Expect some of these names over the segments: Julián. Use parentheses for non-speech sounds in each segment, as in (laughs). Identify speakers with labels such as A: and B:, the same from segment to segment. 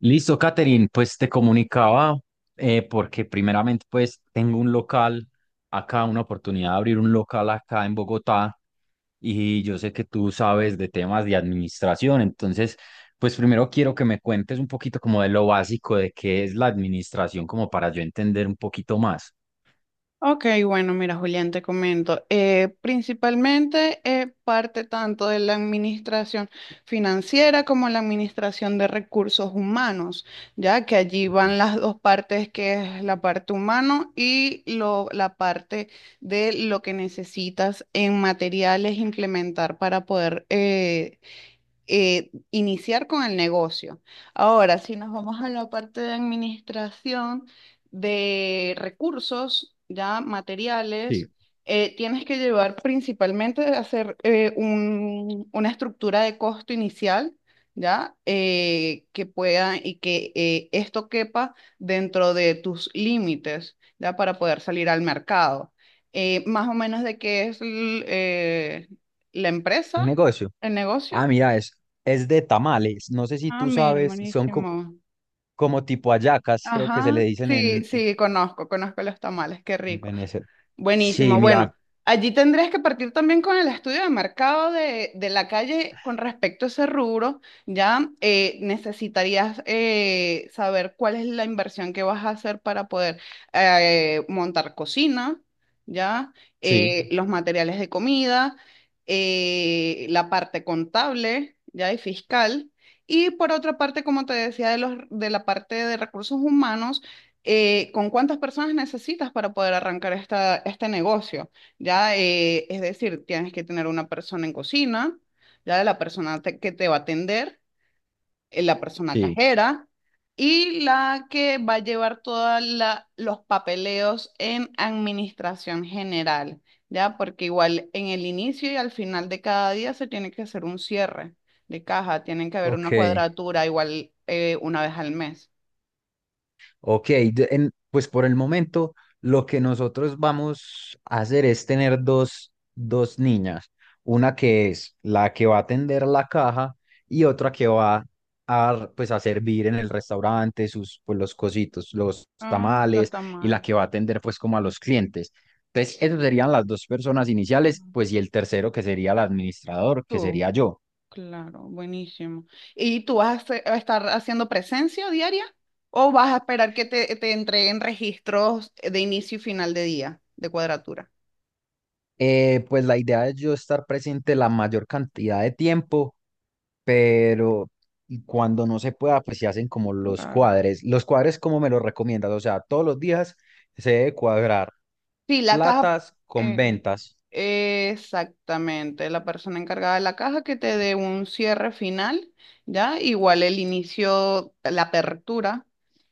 A: Listo, Catherine, pues te comunicaba porque primeramente pues tengo un local acá, una oportunidad de abrir un local acá en Bogotá y yo sé que tú sabes de temas de administración. Entonces, pues primero quiero que me cuentes un poquito como de lo básico de qué es la administración, como para yo entender un poquito más.
B: Ok, bueno, mira, Julián, te comento. Principalmente parte tanto de la administración financiera como la administración de recursos humanos, ya que allí van las dos partes, que es la parte humano y la parte de lo que necesitas en materiales implementar para poder iniciar con el negocio. Ahora, si nos vamos a la parte de administración de recursos, ya
A: Sí,
B: materiales, tienes que llevar principalmente a hacer una estructura de costo inicial, ya, que pueda y que esto quepa dentro de tus límites, ya, para poder salir al mercado. Más o menos de qué es la empresa,
A: el negocio.
B: el negocio.
A: Ah, mira, es de tamales. No sé si
B: Ah,
A: tú
B: mira,
A: sabes, son
B: buenísimo.
A: como tipo hallacas, creo que se
B: Ajá,
A: le dicen en,
B: sí,
A: en
B: sí, conozco, conozco los tamales, qué
A: En
B: rico.
A: Venecia. Sí,
B: Buenísimo.
A: mira,
B: Bueno, allí tendrías que partir también con el estudio de mercado de la calle con respecto a ese rubro. Ya necesitarías saber cuál es la inversión que vas a hacer para poder montar cocina, ya
A: sí,
B: los materiales de comida, la parte contable, ya y fiscal. Y por otra parte, como te decía, de la parte de recursos humanos, ¿con cuántas personas necesitas para poder arrancar este negocio? Ya, es decir, tienes que tener una persona en cocina, ya de la persona que te va a atender la persona
A: sí.
B: cajera y la que va a llevar todos los papeleos en administración general, ¿ya? Porque igual en el inicio y al final de cada día se tiene que hacer un cierre de caja, tienen que haber una
A: Ok,
B: cuadratura igual una vez al mes.
A: ok. Pues por el momento lo que nosotros vamos a hacer es tener dos niñas. Una que es la que va a atender la caja y otra que va a, pues, a servir en el restaurante sus, pues, los cositos, los
B: Ah, lo
A: tamales,
B: está
A: y la
B: mal.
A: que va a atender pues como a los clientes. Entonces, esas serían las dos personas
B: Está
A: iniciales,
B: mal.
A: pues, y el tercero que sería el administrador, que
B: Tú.
A: sería yo.
B: Claro, buenísimo. ¿Y tú vas a, a estar haciendo presencia diaria o vas a esperar que te entreguen registros de inicio y final de día de cuadratura?
A: Pues la idea es yo estar presente la mayor cantidad de tiempo, pero y cuando no se pueda, pues se hacen como los
B: Claro.
A: cuadres. Los cuadres, ¿cómo me los recomiendas? O sea, ¿todos los días se debe cuadrar
B: Sí, la caja,
A: platas con ventas?
B: eh, exactamente, la persona encargada de la caja que te dé un cierre final, ¿ya? Igual el inicio, la apertura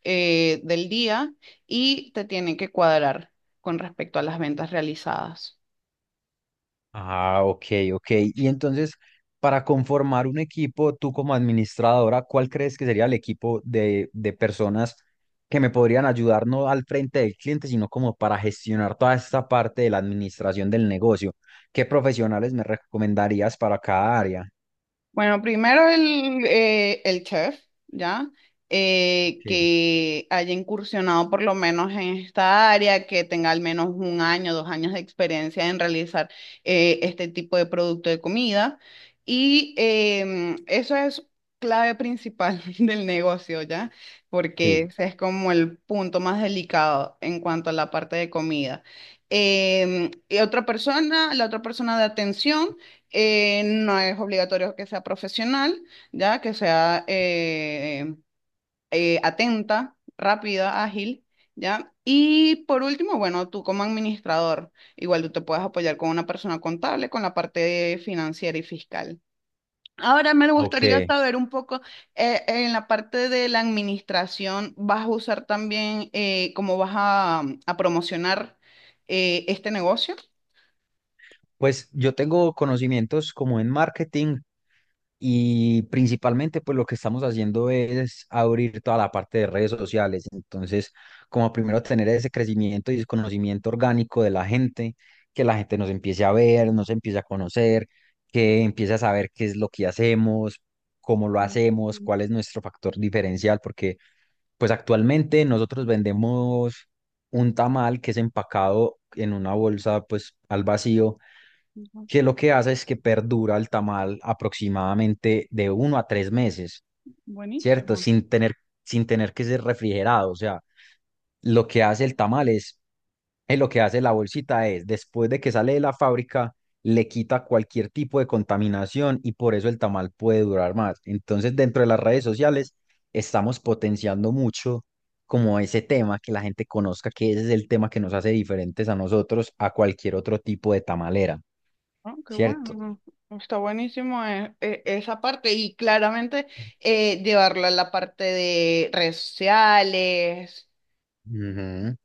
B: del día y te tienen que cuadrar con respecto a las ventas realizadas.
A: Ah, ok, ok. Y entonces, para conformar un equipo, tú como administradora, ¿cuál crees que sería el equipo de personas que me podrían ayudar no al frente del cliente, sino como para gestionar toda esta parte de la administración del negocio? ¿Qué profesionales me recomendarías para cada área?
B: Bueno, primero el chef, ¿ya?
A: Ok,
B: Que haya incursionado por lo menos en esta área, que tenga al menos un año, dos años de experiencia en realizar este tipo de producto de comida. Y eso es clave principal (laughs) del negocio, ¿ya? Porque
A: sí,
B: ese es como el punto más delicado en cuanto a la parte de comida. Y otra persona, la otra persona de atención. No es obligatorio que sea profesional, ya que sea atenta, rápida, ágil, ya. Y por último, bueno, tú como administrador, igual tú te puedes apoyar con una persona contable, con la parte financiera y fiscal. Ahora me gustaría
A: ok.
B: saber un poco, en la parte de la administración, ¿vas a usar también cómo vas a promocionar este negocio?
A: Pues yo tengo conocimientos como en marketing, y principalmente, pues lo que estamos haciendo es abrir toda la parte de redes sociales. Entonces, como primero tener ese crecimiento y ese conocimiento orgánico de la gente, que la gente nos empiece a ver, nos empiece a conocer, que empiece a saber qué es lo que hacemos, cómo lo
B: Ujú,
A: hacemos, cuál es nuestro factor diferencial, porque pues actualmente nosotros vendemos un tamal que es empacado en una bolsa, pues al vacío,
B: ujú.
A: que lo que hace es que perdura el tamal aproximadamente de 1 a 3 meses, ¿cierto?
B: Buenísimo.
A: Sin tener que ser refrigerado. O sea, lo que hace el tamal es, lo que hace la bolsita es, después de que sale de la fábrica, le quita cualquier tipo de contaminación, y por eso el tamal puede durar más. Entonces, dentro de las redes sociales, estamos potenciando mucho como ese tema, que la gente conozca que ese es el tema que nos hace diferentes a nosotros, a cualquier otro tipo de tamalera,
B: Ah, qué
A: ¿cierto?
B: bueno, está buenísimo esa parte y claramente llevarlo a la parte de redes sociales.
A: Ujú.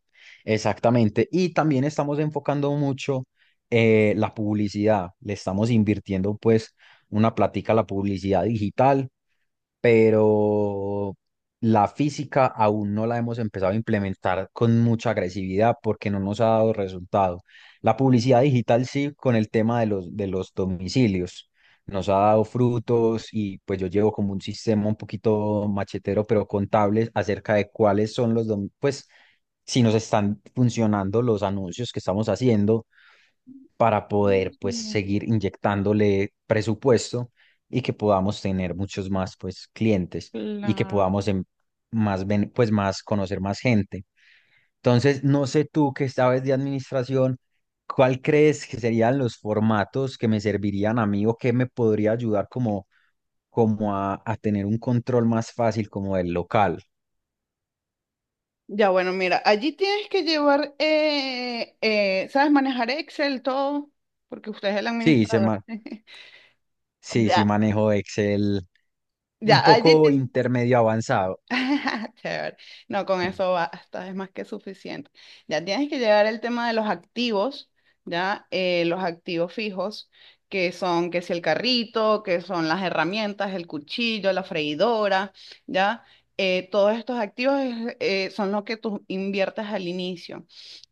A: Exactamente. Y también estamos enfocando mucho la publicidad. Le estamos invirtiendo pues una plática a la publicidad digital, pero la física aún no la hemos empezado a implementar con mucha agresividad porque no nos ha dado resultado. La publicidad digital sí, con el tema de los, domicilios. Nos ha dado frutos, y pues yo llevo como un sistema un poquito machetero, pero contable, acerca de cuáles son los, pues, si nos están funcionando los anuncios que estamos haciendo, para poder pues
B: Buenísimo.
A: seguir inyectándole presupuesto y que podamos tener muchos más pues clientes, y que
B: La-
A: podamos pues más, conocer más gente. Entonces, no sé, tú que sabes de administración, ¿cuál crees que serían los formatos que me servirían a mí, o que me podría ayudar como como a tener un control más fácil como del local?
B: Ya bueno, mira, allí tienes que llevar, ¿sabes manejar Excel, todo? Porque usted es el
A: Sí,
B: administrador. (laughs)
A: sí, sí
B: Ya,
A: manejo Excel
B: ya,
A: un
B: allí,
A: poco intermedio avanzado.
B: (laughs) chévere. No, con
A: Mm.
B: eso basta, es más que suficiente. Ya tienes que llegar el tema de los activos, ya los activos fijos, que son, que si el carrito, que son las herramientas, el cuchillo, la freidora, ya. Todos estos activos son lo que tú inviertes al inicio.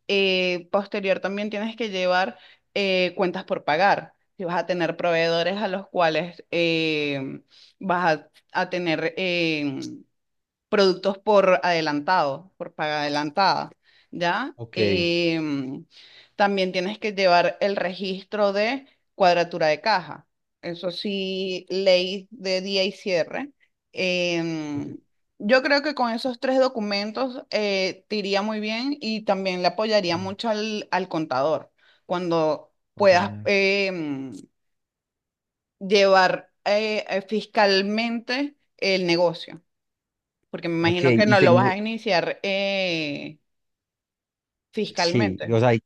B: Posterior también tienes que llevar cuentas por pagar. Si vas a tener proveedores a los cuales vas a tener productos por adelantado, por paga adelantada, ¿ya?
A: Ok.
B: Em, también tienes que llevar el registro de cuadratura de caja. Eso sí, ley de día y cierre.
A: Ok.
B: Em, yo creo que con esos tres documentos te iría muy bien y también le apoyaría
A: Mm,
B: mucho al contador cuando
A: ok.
B: puedas em, llevar fiscalmente el negocio. Porque me
A: Ok,
B: imagino que
A: y
B: no lo vas
A: tengo,
B: a iniciar
A: sí, o
B: fiscalmente.
A: sea,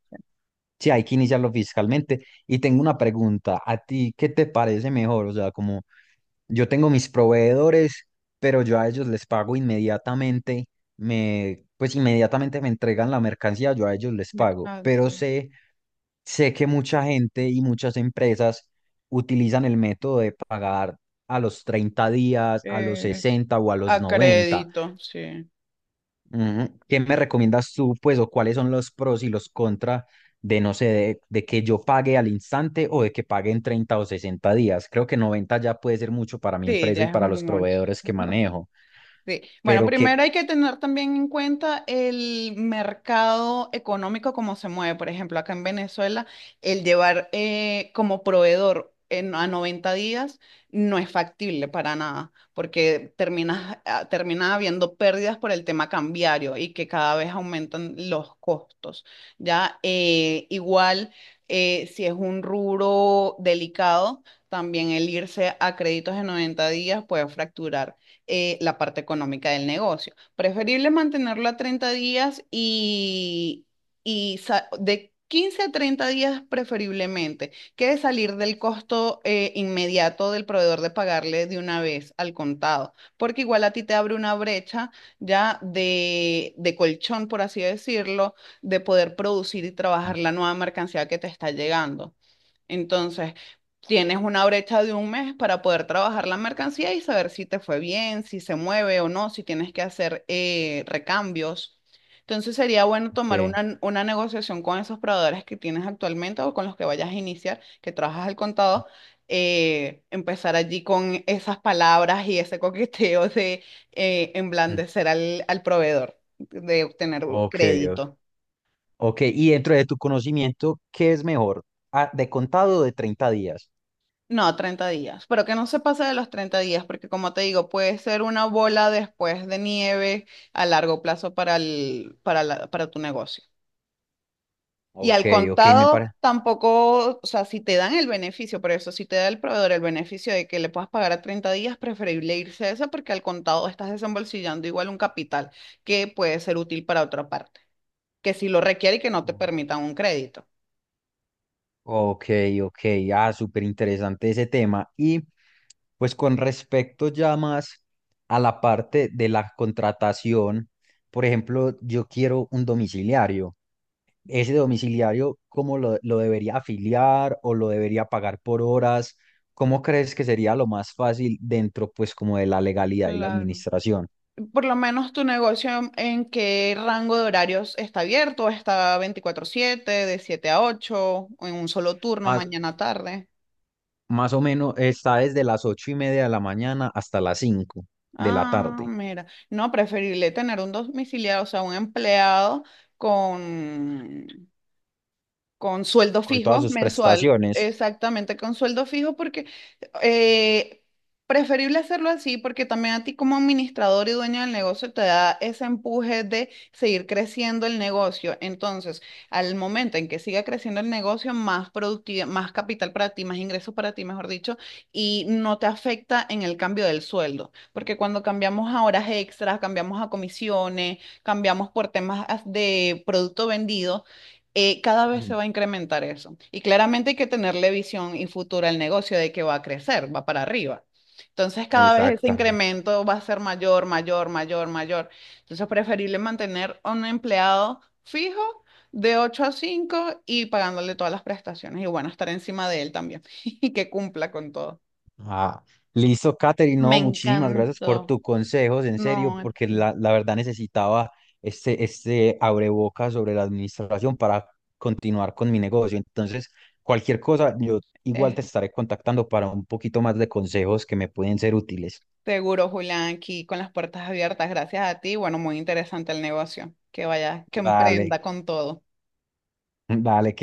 A: sí, hay que iniciarlo fiscalmente. Y tengo una pregunta, ¿a ti qué te parece mejor? O sea, como yo tengo mis proveedores, pero yo a ellos les pago inmediatamente, me, pues inmediatamente me entregan la mercancía, yo a ellos les pago,
B: Descanso.
A: pero sé... Sé que mucha gente y muchas empresas utilizan el método de pagar a los 30 días, a los
B: Es
A: 60 o a los
B: a
A: 90.
B: crédito, sí.
A: Ujú. ¿Qué me recomiendas tú, pues, o cuáles son los pros y los contra de, no sé, de, que yo pague al instante, o de que pague en 30 o 60 días? Creo que 90 ya puede ser mucho para mi
B: Sí,
A: empresa
B: ya
A: y
B: es
A: para los
B: mucho.
A: proveedores que
B: (laughs)
A: manejo,
B: Sí. Bueno,
A: pero
B: primero
A: que...
B: hay que tener también en cuenta el mercado económico, cómo se mueve. Por ejemplo, acá en Venezuela, el llevar como proveedor a 90 días no es factible para nada, porque terminas, ah, termina habiendo pérdidas por el tema cambiario y que cada vez aumentan los costos. Ya, eh, igual, si es un rubro delicado, también el irse a créditos de 90 días puede fracturar la parte económica del negocio. Preferible mantenerlo a 30 días y de 15 a 30 días preferiblemente, que salir del costo inmediato del proveedor de pagarle de una vez al contado, porque igual a ti te abre una brecha ya de colchón, por así decirlo, de poder producir y
A: Mm,
B: trabajar la nueva mercancía que te está llegando. Entonces, tienes una brecha de un mes para poder trabajar la mercancía y saber si te fue bien, si se mueve o no, si tienes que hacer recambios. Entonces, sería bueno tomar
A: que-
B: una negociación con esos proveedores que tienes actualmente o con los que vayas a iniciar, que trabajas al contado. Empezar allí con esas palabras y ese coqueteo de
A: mm,
B: emblandecer al proveedor, de obtener
A: ok,
B: crédito.
A: ok. Y dentro de tu conocimiento, ¿qué es mejor? Ah, ¿de contado o de 30 días?
B: No, 30 días, pero que no se pase de los 30 días, porque como te digo, puede ser una bola después de nieve a largo plazo para para tu negocio. Y
A: Ok,
B: al
A: ok, me
B: contado
A: parece.
B: tampoco, o sea, si te dan el beneficio, pero eso, si te da el proveedor el beneficio de que le puedas pagar a 30 días, preferible irse a esa porque al contado estás desembolsillando igual un capital que puede ser útil para otra parte, que si lo requiere y que no te permitan un crédito.
A: Ok, ok, ah, súper interesante ese tema. Y pues con respecto ya más a la parte de la contratación, por ejemplo, yo quiero un domiciliario. ¿Ese domiciliario cómo lo debería afiliar, o lo debería pagar por horas? ¿Cómo crees que sería lo más fácil dentro, pues, como de la legalidad y la
B: Claro.
A: administración?
B: Por lo menos tu negocio, ¿en qué rango de horarios está abierto? ¿Está veinticuatro siete, de 7 a 8, o en un solo turno,
A: Más,
B: mañana tarde?
A: más o menos está desde las 8:30 de la mañana hasta las cinco de la
B: Ah,
A: tarde,
B: mira, no, preferible tener un domiciliado, o sea, un empleado con, con sueldo
A: con todas
B: fijo
A: sus
B: mensual,
A: prestaciones.
B: exactamente con sueldo fijo, porque eh, preferible hacerlo así, porque también a ti como administrador y dueño del negocio te da ese empuje de seguir creciendo el negocio. Entonces, al momento en que siga creciendo el negocio, más productividad, más capital para ti, más ingresos para ti, mejor dicho, y no te afecta en el cambio del sueldo, porque cuando cambiamos a horas extras, cambiamos a comisiones, cambiamos por temas de producto vendido cada vez se
A: Ujú.
B: va a incrementar eso. Y claramente hay que tenerle visión y futura al negocio de que va a crecer, va para arriba. Entonces, cada vez ese
A: Exactamente.
B: incremento va a ser mayor, mayor, mayor, mayor. Entonces, preferible mantener a un empleado fijo de 8 a 5 y pagándole todas las prestaciones. Y bueno, estar encima de él también (laughs) y que cumpla con todo.
A: Ah, listo, Katherine.
B: Me
A: No, muchísimas gracias por
B: encantó.
A: tus consejos, en serio,
B: No, en
A: porque
B: fin,
A: la verdad necesitaba este abreboca sobre la administración para continuar con mi negocio. Entonces, cualquier cosa, yo igual
B: es
A: te estaré contactando para un poquito más de consejos que me pueden ser útiles.
B: seguro, Julián, aquí con las puertas abiertas, gracias a ti. Bueno, muy interesante el negocio. Que vaya, que emprenda
A: Vale,
B: con todo.
A: (laughs) vale,